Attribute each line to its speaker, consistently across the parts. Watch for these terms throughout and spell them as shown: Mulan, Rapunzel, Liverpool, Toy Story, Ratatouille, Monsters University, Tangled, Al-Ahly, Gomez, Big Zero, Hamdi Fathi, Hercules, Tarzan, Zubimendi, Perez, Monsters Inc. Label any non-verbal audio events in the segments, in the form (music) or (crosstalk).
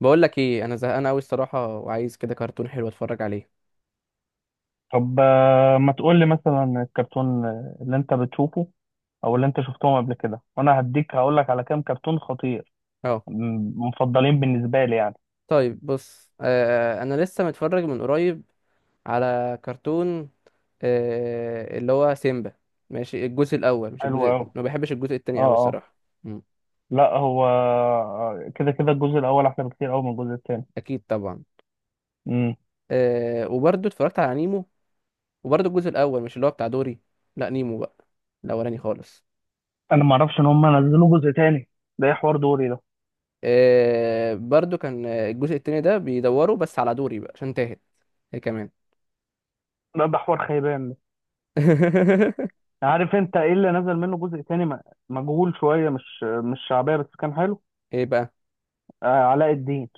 Speaker 1: بقول لك ايه؟ انا زهقان قوي الصراحه، وعايز كده كرتون حلو اتفرج عليه.
Speaker 2: طب ما تقول لي مثلا الكرتون اللي انت بتشوفه، او اللي انت شفتهم قبل كده، وانا هديك هقول لك على كام كرتون خطير
Speaker 1: اه.
Speaker 2: مفضلين بالنسبه لي يعني.
Speaker 1: طيب بص، انا لسه متفرج من قريب على كرتون، اللي هو سيمبا. ماشي، الجزء الاول مش
Speaker 2: حلو قوي.
Speaker 1: الجزء، ما بحبش الجزء التاني
Speaker 2: اه.
Speaker 1: قوي
Speaker 2: اه.
Speaker 1: الصراحه. مم.
Speaker 2: لا هو كده كده الجزء الاول احلى بكتير قوي من الجزء الثاني.
Speaker 1: اكيد طبعا.
Speaker 2: امم.
Speaker 1: وبرضه اتفرجت على نيمو، وبرضه الجزء الاول، مش اللي هو بتاع دوري. لا، نيمو بقى، الاولاني خالص.
Speaker 2: انا ما اعرفش ان هم نزلوا جزء تاني. ده ايه حوار دوري ده؟
Speaker 1: برضه كان الجزء التاني ده بيدوروا بس على دوري بقى، عشان تاهت هي كمان.
Speaker 2: لا ده حوار خيبان ده.
Speaker 1: (laughs)
Speaker 2: عارف انت ايه اللي نزل منه جزء تاني مجهول شويه، مش شعبيه، بس كان حلو.
Speaker 1: ايه بقى؟
Speaker 2: علاء الدين.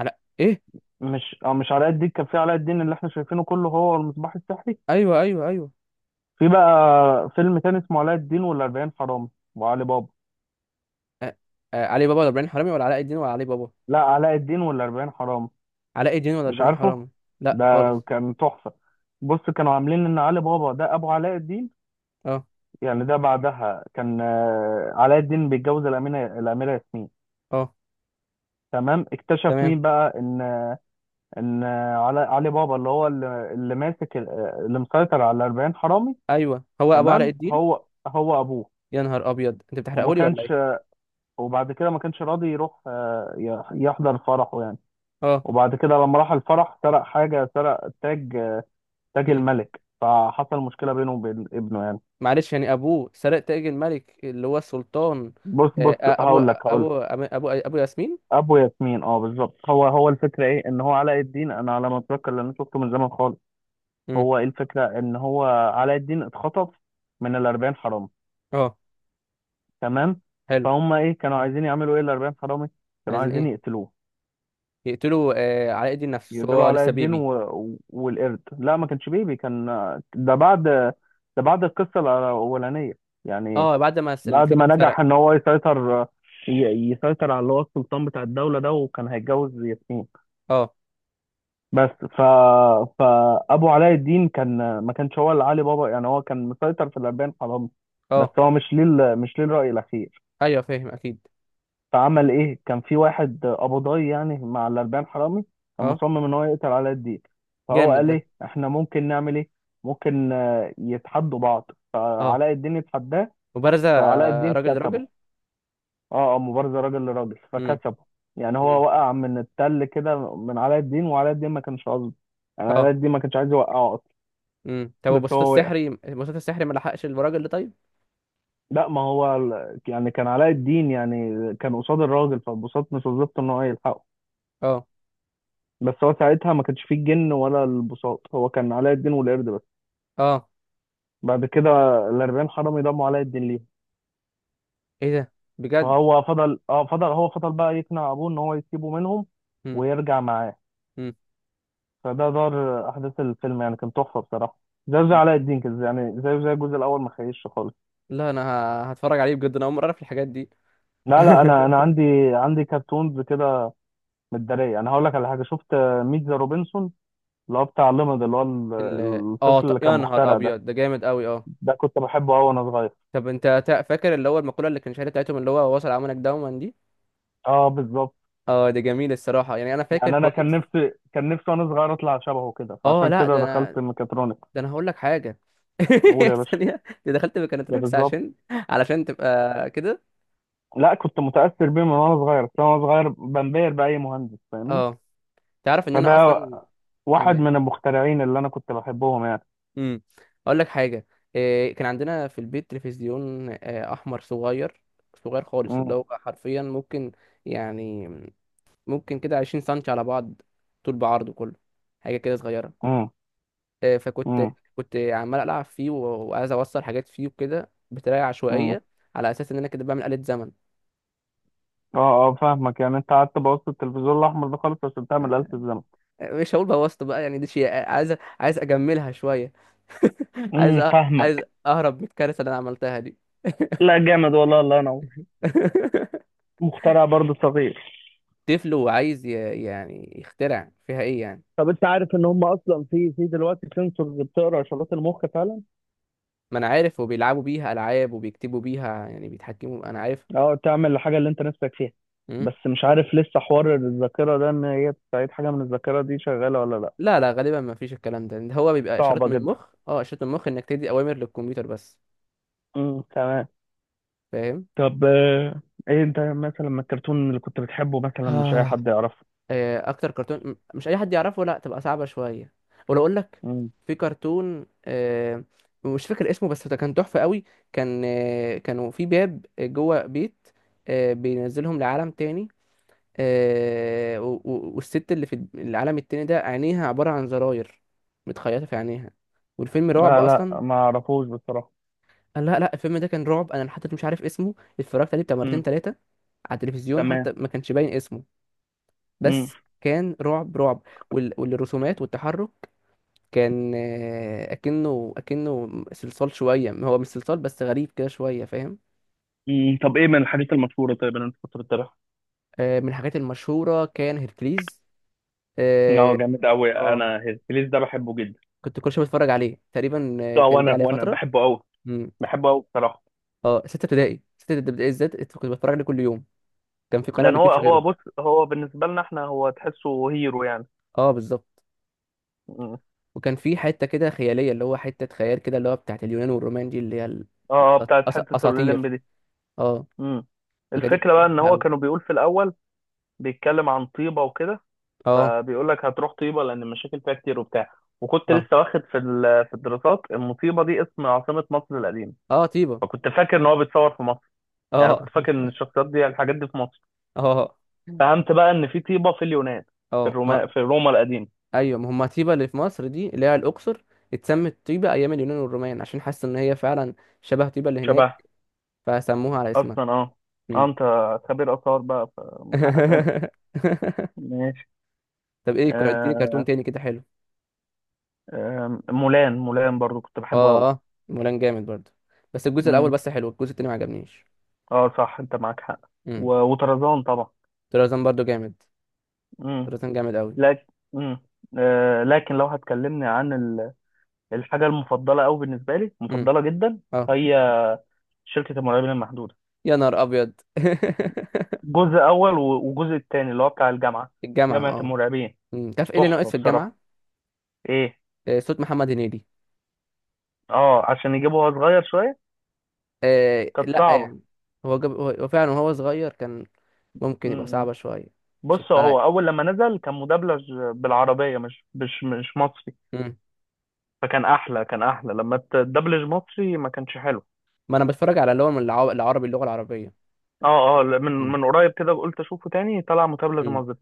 Speaker 1: على ايه؟
Speaker 2: مش علاء الدين، كان في علاء الدين اللي احنا شايفينه كله هو المصباح السحري.
Speaker 1: ايوه ايوه ايوه.
Speaker 2: في بقى فيلم تاني اسمه علاء الدين والأربعين حرامي وعلي بابا.
Speaker 1: آه. آه. علي بابا ولا ابراهيم حرامي، ولا علاء الدين، ولا علي بابا؟
Speaker 2: لا علاء الدين والأربعين حرامي،
Speaker 1: علاء الدين ولا
Speaker 2: مش
Speaker 1: ابراهيم
Speaker 2: عارفه.
Speaker 1: حرامي؟ لا
Speaker 2: ده
Speaker 1: خالص.
Speaker 2: كان تحفة. بص كانوا عاملين ان علي بابا ده ابو علاء الدين،
Speaker 1: اه
Speaker 2: يعني ده بعدها كان علاء الدين بيتجوز الأميرة ياسمين.
Speaker 1: اه.
Speaker 2: تمام، اكتشف
Speaker 1: تمام.
Speaker 2: مين بقى ان ان علي بابا اللي هو اللي ماسك اللي مسيطر على 40 حرامي.
Speaker 1: ايوه، هو ابو علاء
Speaker 2: تمام
Speaker 1: الدين.
Speaker 2: هو هو ابوه.
Speaker 1: يا نهار ابيض، انت
Speaker 2: وما
Speaker 1: بتحرقهولي ولا
Speaker 2: كانش،
Speaker 1: ايه؟
Speaker 2: وبعد كده ما كانش راضي يروح يحضر فرحه يعني.
Speaker 1: اه.
Speaker 2: وبعد كده لما راح الفرح سرق حاجة، سرق تاج تاج
Speaker 1: مم.
Speaker 2: الملك، فحصل مشكلة بينه وبين ابنه يعني.
Speaker 1: معلش، يعني ابوه سرق تاج الملك اللي هو السلطان؟
Speaker 2: بص
Speaker 1: آه.
Speaker 2: بص،
Speaker 1: آه، ابو
Speaker 2: هقول لك.
Speaker 1: ابو ابو ابو ياسمين.
Speaker 2: أبو ياسمين، اه بالظبط. هو هو، الفكرة ايه ان هو علاء الدين، انا على ما اتذكر لان شفته من زمان خالص.
Speaker 1: مم.
Speaker 2: هو ايه الفكرة ان هو علاء الدين اتخطف من الأربعين حرامي،
Speaker 1: اه.
Speaker 2: تمام.
Speaker 1: حلو.
Speaker 2: فهم ايه كانوا عايزين يعملوا؟ ايه الأربعين حرامي كانوا
Speaker 1: عايزين
Speaker 2: عايزين؟
Speaker 1: ايه؟
Speaker 2: يقتلوه،
Speaker 1: يقتلوا علاء الدين نفسه؟
Speaker 2: يقتلوا
Speaker 1: هو
Speaker 2: علاء
Speaker 1: لسه
Speaker 2: الدين
Speaker 1: بيبي.
Speaker 2: والقرد. لا ما كانش بيبي، كان ده بعد ده بعد القصة الأولانية يعني.
Speaker 1: اه، بعد ما
Speaker 2: بعد
Speaker 1: التاج
Speaker 2: ما نجح
Speaker 1: اتسرق.
Speaker 2: إن هو ي- يسيطر على اللي هو السلطان بتاع الدولة ده، وكان هيتجوز ياسمين.
Speaker 1: اه
Speaker 2: بس فأبو علاء الدين، كان ما كانش هو اللي علي بابا يعني، هو كان مسيطر في الأربعين حرامي، بس
Speaker 1: اه.
Speaker 2: هو مش ليه الرأي الأخير.
Speaker 1: ايوه فاهم اكيد.
Speaker 2: فعمل ايه؟ كان في واحد قبضاي يعني مع الاربعين حرامي، كان
Speaker 1: اه.
Speaker 2: مصمم ان هو يقتل علاء الدين. فهو
Speaker 1: جامد
Speaker 2: قال
Speaker 1: ده.
Speaker 2: ايه احنا ممكن نعمل؟ ايه ممكن يتحدوا بعض،
Speaker 1: اه.
Speaker 2: فعلاء الدين اتحداه،
Speaker 1: مبارزة،
Speaker 2: فعلاء الدين
Speaker 1: راجل
Speaker 2: كسبه.
Speaker 1: لراجل.
Speaker 2: اه. اه، مبارزه راجل لراجل
Speaker 1: امم.
Speaker 2: فكسبه يعني. هو
Speaker 1: امم.
Speaker 2: وقع من التل كده من علاء الدين، وعلاء الدين ما كانش قصده، يعني علاء
Speaker 1: اه.
Speaker 2: الدين ما كانش عايز يوقعه اصلا.
Speaker 1: طب
Speaker 2: بس
Speaker 1: البساط
Speaker 2: هو وقع.
Speaker 1: السحري، البساط السحري ما لحقش الراجل ده طيب؟
Speaker 2: لا، ما هو يعني كان علاء الدين يعني كان قصاد الراجل، فبساط مش وظيفته ان هو يلحقه،
Speaker 1: اه.
Speaker 2: بس هو ساعتها ما كانش فيه الجن ولا البساط، هو كان علاء الدين والقرد بس.
Speaker 1: اه.
Speaker 2: بعد كده الأربعين حرامي ضموا علاء الدين ليهم،
Speaker 1: ايه ده؟ بجد؟
Speaker 2: فهو فضل بقى يقنع أبوه إن هو يسيبه منهم
Speaker 1: امم.
Speaker 2: ويرجع معاه.
Speaker 1: امم.
Speaker 2: فده دار أحداث الفيلم يعني، كان تحفة بصراحة. زي علاء الدين كده يعني، زي الجزء الأول ما خيش خالص.
Speaker 1: لا انا، هتفرج عليه بجد، انا اول مرة اعرف الحاجات دي.
Speaker 2: لا لا، أنا
Speaker 1: (laughs)
Speaker 2: عندي كرتونز كده متدارية. أنا هقول لك على حاجة شفت: ميت ذا روبنسون، اللي هو بتاع ليمد، اللي هو الطفل اللي كان
Speaker 1: يا نهار
Speaker 2: مخترع ده.
Speaker 1: ابيض، ده جامد قوي. اه.
Speaker 2: ده كنت بحبه أوي وأنا صغير.
Speaker 1: طب انت فاكر اللي هو المقولة اللي كان شهيرة بتاعتهم، اللي هو وصل عملك دوما دي؟
Speaker 2: اه بالظبط.
Speaker 1: اه، ده جميل الصراحة، يعني انا فاكر
Speaker 2: يعني انا كان
Speaker 1: كويس.
Speaker 2: نفسي كان نفسي وانا صغير اطلع شبهه كده،
Speaker 1: اه،
Speaker 2: فعشان
Speaker 1: لا،
Speaker 2: كده
Speaker 1: ده انا
Speaker 2: دخلت ميكاترونكس.
Speaker 1: ده انا هقول لك حاجة.
Speaker 2: قول يا
Speaker 1: (laughs)
Speaker 2: باشا.
Speaker 1: ثانية، انت دخلت
Speaker 2: ده
Speaker 1: ميكانتريكس
Speaker 2: بالظبط.
Speaker 1: علشان تبقى كده؟
Speaker 2: لا كنت متاثر بيه من وانا صغير، بس أنا وانا صغير بنبهر باي مهندس فاهمني.
Speaker 1: اه. تعرف ان
Speaker 2: فده
Speaker 1: انا اصلا،
Speaker 2: واحد
Speaker 1: يعني،
Speaker 2: من المخترعين اللي انا كنت بحبهم يعني.
Speaker 1: امم، اقول لك حاجه. إيه، كان عندنا في البيت تلفزيون احمر صغير، صغير خالص، اللي
Speaker 2: امم.
Speaker 1: هو حرفيا ممكن، يعني كده 20 سنتي على بعض، طول بعرضه كله، حاجه كده صغيره.
Speaker 2: امم.
Speaker 1: فكنت،
Speaker 2: امم.
Speaker 1: كنت عمال العب فيه وعايز اوصل حاجات فيه وكده بطريقه
Speaker 2: امم.
Speaker 1: عشوائيه، على اساس ان انا كده بعمل آلة زمن.
Speaker 2: اه اه فاهمك. يعني انت قعدت بوظت التلفزيون الاحمر ده خالص عشان تعمل آلة
Speaker 1: آه،
Speaker 2: الزمن.
Speaker 1: مش هقول بوظته بقى، يعني دي شيء، عايز اجملها شويه. (laughs) عايز
Speaker 2: فاهمك.
Speaker 1: اهرب من الكارثه اللي انا عملتها دي. (laughs)
Speaker 2: لا، جامد والله، الله ينور.
Speaker 1: (laughs)
Speaker 2: مخترع برضه صغير.
Speaker 1: طفل وعايز يعني يخترع فيها ايه يعني؟
Speaker 2: طب انت عارف ان هم اصلا في دلوقتي سنسورز بتقرا اشارات المخ فعلا؟
Speaker 1: ما انا عارف، وبيلعبوا بيها العاب، وبيكتبوا بيها، يعني بيتحكموا، انا عارف.
Speaker 2: اه، تعمل الحاجة اللي انت نفسك فيها.
Speaker 1: مم.
Speaker 2: بس مش عارف لسه حوار الذاكرة ده ان هي بتعيد حاجة من الذاكرة دي شغالة ولا لا.
Speaker 1: لا لا، غالبا ما فيش الكلام ده. هو بيبقى اشارات
Speaker 2: صعبة
Speaker 1: من
Speaker 2: جدا.
Speaker 1: مخ اه اشارات من مخ انك تدي اوامر للكمبيوتر بس.
Speaker 2: تمام.
Speaker 1: فاهم.
Speaker 2: طب ايه انت مثلا من الكرتون اللي كنت بتحبه مثلا مش اي
Speaker 1: آه،
Speaker 2: حد يعرفه؟
Speaker 1: اكتر كرتون مش اي حد يعرفه؟ لا، تبقى صعبة شوية. ولو اقول لك،
Speaker 2: امم.
Speaker 1: في كرتون، مش فاكر اسمه، بس ده كان تحفة قوي. كانوا في باب جوه بيت، بينزلهم لعالم تاني. والست اللي في العالم التاني ده، عينيها عبارة عن زراير متخيطة في عينيها، والفيلم رعب
Speaker 2: لا
Speaker 1: أصلا.
Speaker 2: لا، ما اعرفوش بصراحة.
Speaker 1: قال لا لا، الفيلم ده كان رعب. أنا لحد دلوقتي مش عارف اسمه، اتفرجت عليه بتاع مرتين
Speaker 2: امم.
Speaker 1: تلاتة على التلفزيون،
Speaker 2: تمام.
Speaker 1: حتى ما كانش باين اسمه، بس
Speaker 2: امم.
Speaker 1: كان رعب رعب. والرسومات والتحرك كان، أكنه، صلصال شوية، هو مش صلصال بس غريب كده شوية، فاهم؟
Speaker 2: امم. طب ايه من الحاجات المشهورة طيب اللي انت كنت بتتابعها؟
Speaker 1: من الحاجات المشهورة كان هيركليز.
Speaker 2: اه
Speaker 1: اه.
Speaker 2: جامد قوي،
Speaker 1: آه،
Speaker 2: انا هيركليس ده بحبه جدا.
Speaker 1: كنت كل شويه بتفرج عليه تقريبا،
Speaker 2: اه،
Speaker 1: كان جه
Speaker 2: وانا
Speaker 1: عليه
Speaker 2: وانا
Speaker 1: فترة.
Speaker 2: بحبه قوي،
Speaker 1: امم.
Speaker 2: بحبه قوي بصراحة.
Speaker 1: اه، ستة ابتدائي، ستة ابتدائي بالذات كنت بتفرج عليه كل يوم، كان في قناة ما
Speaker 2: لان هو
Speaker 1: بتجيبش
Speaker 2: هو
Speaker 1: غيره.
Speaker 2: بص، هو بالنسبة لنا احنا هو تحسه هيرو
Speaker 1: اه بالظبط.
Speaker 2: يعني.
Speaker 1: وكان في حتة كده خيالية، اللي هو حتة خيال كده، اللي هو بتاعت اليونان والرومان دي،
Speaker 2: اه اه، بتاعت حتة الأوليمب
Speaker 1: اساطير.
Speaker 2: دي.
Speaker 1: اه.
Speaker 2: امم.
Speaker 1: الحاجات دي كنت
Speaker 2: الفكرة بقى ان
Speaker 1: بحبها
Speaker 2: هو
Speaker 1: قوي.
Speaker 2: كانوا بيقول في الأول بيتكلم عن طيبة وكده،
Speaker 1: اه
Speaker 2: فبيقول لك هتروح طيبة لأن المشاكل فيها كتير وبتاع. وكنت
Speaker 1: اه
Speaker 2: لسه واخد في الدراسات ان طيبة دي اسم عاصمة مصر القديمة،
Speaker 1: اه. طيبة.
Speaker 2: فكنت فاكر ان هو بيتصور في مصر، يعني كنت
Speaker 1: اه.
Speaker 2: فاكر ان
Speaker 1: (laughs)
Speaker 2: الشخصيات دي الحاجات دي في مصر.
Speaker 1: اه
Speaker 2: فهمت بقى ان في طيبة في اليونان،
Speaker 1: اه ما
Speaker 2: في روما القديمة.
Speaker 1: ايوه، ما هم طيبة اللي في مصر دي، اللي هي على الاقصر، اتسمت طيبة ايام اليونان والرومان عشان حاسة ان هي فعلا شبه طيبة اللي
Speaker 2: شبه.
Speaker 1: هناك، فسموها على اسمها.
Speaker 2: اصلا اه. اه،
Speaker 1: مم.
Speaker 2: انت خبير آثار بقى فمن حق أسألك.
Speaker 1: (laughs)
Speaker 2: ماشي.
Speaker 1: طب ايه، اديني كرتون
Speaker 2: آه
Speaker 1: تاني كده حلو.
Speaker 2: مولان برضو كنت
Speaker 1: اه
Speaker 2: بحبه
Speaker 1: اه. مولان جامد برضه، بس الجزء الاول
Speaker 2: قوي.
Speaker 1: بس حلو، الجزء التاني ما عجبنيش.
Speaker 2: اه صح انت معاك حق.
Speaker 1: امم.
Speaker 2: وطرزان طبعا.
Speaker 1: طرزان برضه جامد،
Speaker 2: امم.
Speaker 1: طرزان جامد قوي.
Speaker 2: لكن امم، لكن لو هتكلمني عن الحاجه المفضله قوي بالنسبه لي،
Speaker 1: امم.
Speaker 2: مفضله جدا
Speaker 1: اه.
Speaker 2: هي شركه المرعبين المحدوده.
Speaker 1: يا نهار ابيض. (laughs)
Speaker 2: جزء اول وجزء التاني اللي هو بتاع الجامعه،
Speaker 1: الجامعه،
Speaker 2: جامعه
Speaker 1: اه.
Speaker 2: المرعبين،
Speaker 1: امم، تعرف ايه اللي ناقص
Speaker 2: تحفه
Speaker 1: في
Speaker 2: بصراحه.
Speaker 1: الجامعه؟
Speaker 2: ايه؟
Speaker 1: صوت محمد هنيدي.
Speaker 2: اه، عشان يجيبوها صغير شويه، كانت
Speaker 1: لا
Speaker 2: صعبه.
Speaker 1: يعني، هو جاب، هو فعلا وهو صغير كان، ممكن يبقى
Speaker 2: امم.
Speaker 1: صعبه شويه. مش
Speaker 2: بص
Speaker 1: هتبقى لايق.
Speaker 2: هو اول لما نزل كان مدبلج بالعربيه، مش مصري،
Speaker 1: امم.
Speaker 2: فكان احلى، كان احلى لما تدبلج مصري ما كانش حلو.
Speaker 1: ما انا بتفرج على اللي هو من العربي، اللغه العربيه.
Speaker 2: اه اه لا، من
Speaker 1: امم.
Speaker 2: من قريب كده قلت اشوفه تاني طلع متابلة
Speaker 1: امم.
Speaker 2: مظبط،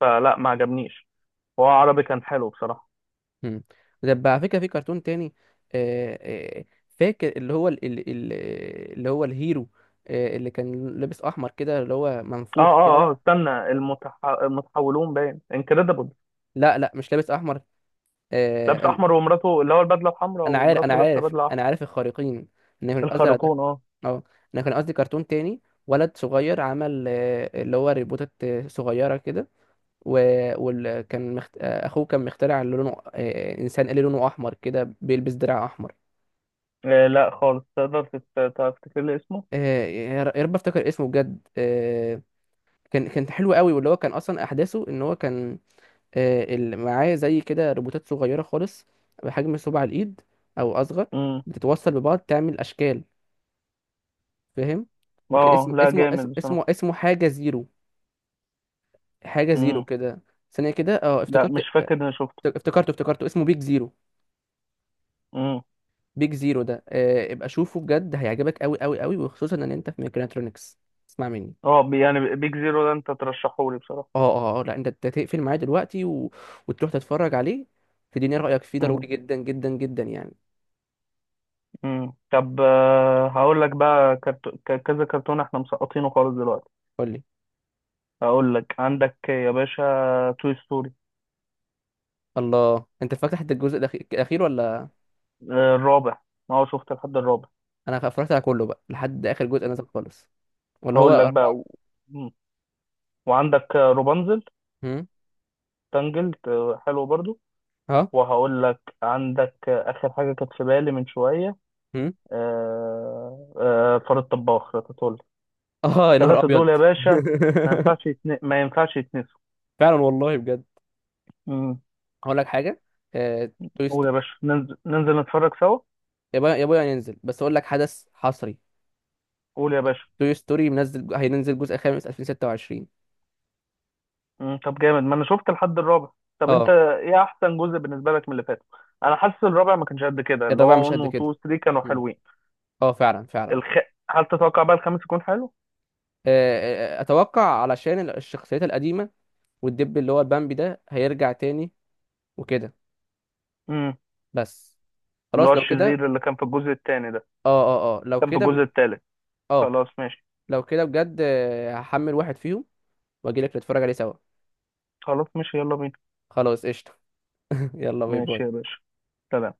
Speaker 2: فلا ما عجبنيش. هو عربي كان حلو بصراحة.
Speaker 1: مم. طب على فكرة، في كرتون تاني، آه، آه، فاكر اللي هو ال- ال- ال- اللي هو الهيرو، اللي كان لابس احمر كده، اللي هو
Speaker 2: اه
Speaker 1: منفوخ كده؟
Speaker 2: اه اه، استنى، المتحولون باين، انكريدبل،
Speaker 1: لا لا، مش لابس احمر،
Speaker 2: لابس
Speaker 1: آه، أم-
Speaker 2: احمر ومراته، اللي هو البدلة الحمراء
Speaker 1: انا عارف، انا
Speaker 2: ومراته لابسة
Speaker 1: عارف،
Speaker 2: بدلة احمر.
Speaker 1: انا عارف الخارقين، ان مش الازرق ده.
Speaker 2: الخارقون، اه.
Speaker 1: اه. انا كان قصدي كرتون تاني، ولد صغير عمل اللي هو ريبوتات صغيرة كده، وكان مخت... آه، اخوه كان مخترع، اللي لونه انسان اللي لونه احمر كده، بيلبس درع احمر.
Speaker 2: لا خالص، تقدر تفتكر لي اسمه؟
Speaker 1: يا يا رب افتكر اسمه بجد. كان حلو قوي، واللي هو كان اصلا احداثه، ان هو كان معاه زي كده روبوتات صغيره خالص، بحجم صباع الايد او اصغر،
Speaker 2: امم.
Speaker 1: بتتوصل ببعض تعمل اشكال، فاهم؟ وكان
Speaker 2: اه لا، جامد بصراحة.
Speaker 1: اسمه حاجه زيرو، حاجه زيرو
Speaker 2: امم
Speaker 1: كده. ثانيه كده، اه،
Speaker 2: لا
Speaker 1: افتكرت.
Speaker 2: مش فاكر اني شفته.
Speaker 1: افتكرته، اسمه بيج زيرو.
Speaker 2: امم.
Speaker 1: بيج زيرو ده ابقى شوفه بجد، هيعجبك قوي قوي قوي، وخصوصا ان انت في ميكانترونكس. اسمع مني.
Speaker 2: اه يعني بيج زيرو ده انت ترشحه لي بصراحة؟
Speaker 1: اه اه. لا، أنت تقفل معايا دلوقتي، و... وتروح تتفرج عليه، تديني رأيك فيه
Speaker 2: امم.
Speaker 1: ضروري جدا جدا جدا يعني.
Speaker 2: مم. طب هقول لك بقى كذا كرتون احنا مسقطينه خالص دلوقتي.
Speaker 1: قول لي.
Speaker 2: هقول لك عندك يا باشا: توي ستوري.
Speaker 1: الله، انت فاكر حتى الجزء الاخير ولا؟
Speaker 2: الرابع. اه شفت لحد الرابع.
Speaker 1: انا اتفرجت على كله بقى لحد اخر جزء نزل خالص. ولا هو
Speaker 2: هقول لك بقى
Speaker 1: اربعة.
Speaker 2: مم. وعندك روبانزل،
Speaker 1: هم.
Speaker 2: تانجلد، حلو برضو.
Speaker 1: ها.
Speaker 2: وهقول لك عندك اخر حاجه كانت في بالي من شويه:
Speaker 1: هم.
Speaker 2: فار الطباخ راتاتولي.
Speaker 1: (laughs) اه يا نهار
Speaker 2: الثلاثه
Speaker 1: ابيض.
Speaker 2: دول يا باشا
Speaker 1: (laughs)
Speaker 2: ما ينفعش يتنسوا.
Speaker 1: فعلا والله بجد.
Speaker 2: مم.
Speaker 1: هقول لك حاجة. توي
Speaker 2: قول يا
Speaker 1: ستوري.
Speaker 2: باشا، ننزل نتفرج سوا.
Speaker 1: يا بويا يا بويا، هينزل، بس اقول لك حدث حصري،
Speaker 2: قول يا باشا.
Speaker 1: توي ستوري منزل، هينزل جزء خامس 2026.
Speaker 2: مم، طب جامد، ما انا شفت الحد الرابع. طب انت
Speaker 1: اه.
Speaker 2: ايه احسن جزء بالنسبه لك من اللي فاتوا؟ انا حاسس الرابع ما كانش قد كده، اللي
Speaker 1: الرابع
Speaker 2: هو
Speaker 1: مش
Speaker 2: 1
Speaker 1: قد
Speaker 2: و 2
Speaker 1: كده.
Speaker 2: و 3 كانوا
Speaker 1: مم.
Speaker 2: حلوين.
Speaker 1: اه فعلا فعلا.
Speaker 2: الخ... هل تتوقع بقى الخامس يكون حلو؟
Speaker 1: اتوقع، علشان الشخصيات القديمه، والدب اللي هو البامبي ده هيرجع تاني وكده.
Speaker 2: امم.
Speaker 1: بس،
Speaker 2: اللي هو
Speaker 1: خلاص لو كده.
Speaker 2: الشرير اللي كان في الجزء الثاني ده،
Speaker 1: اه اه اه. لو
Speaker 2: كان في
Speaker 1: كده
Speaker 2: الجزء الثالث.
Speaker 1: اه،
Speaker 2: خلاص ماشي.
Speaker 1: لو كده بجد، هحمل واحد فيهم واجيلك نتفرج عليه سوا.
Speaker 2: خلاص ماشي، يلا بينا.
Speaker 1: خلاص قشطه. (laughs) يلا باي
Speaker 2: ماشي يا
Speaker 1: باي.
Speaker 2: باشا. سلام.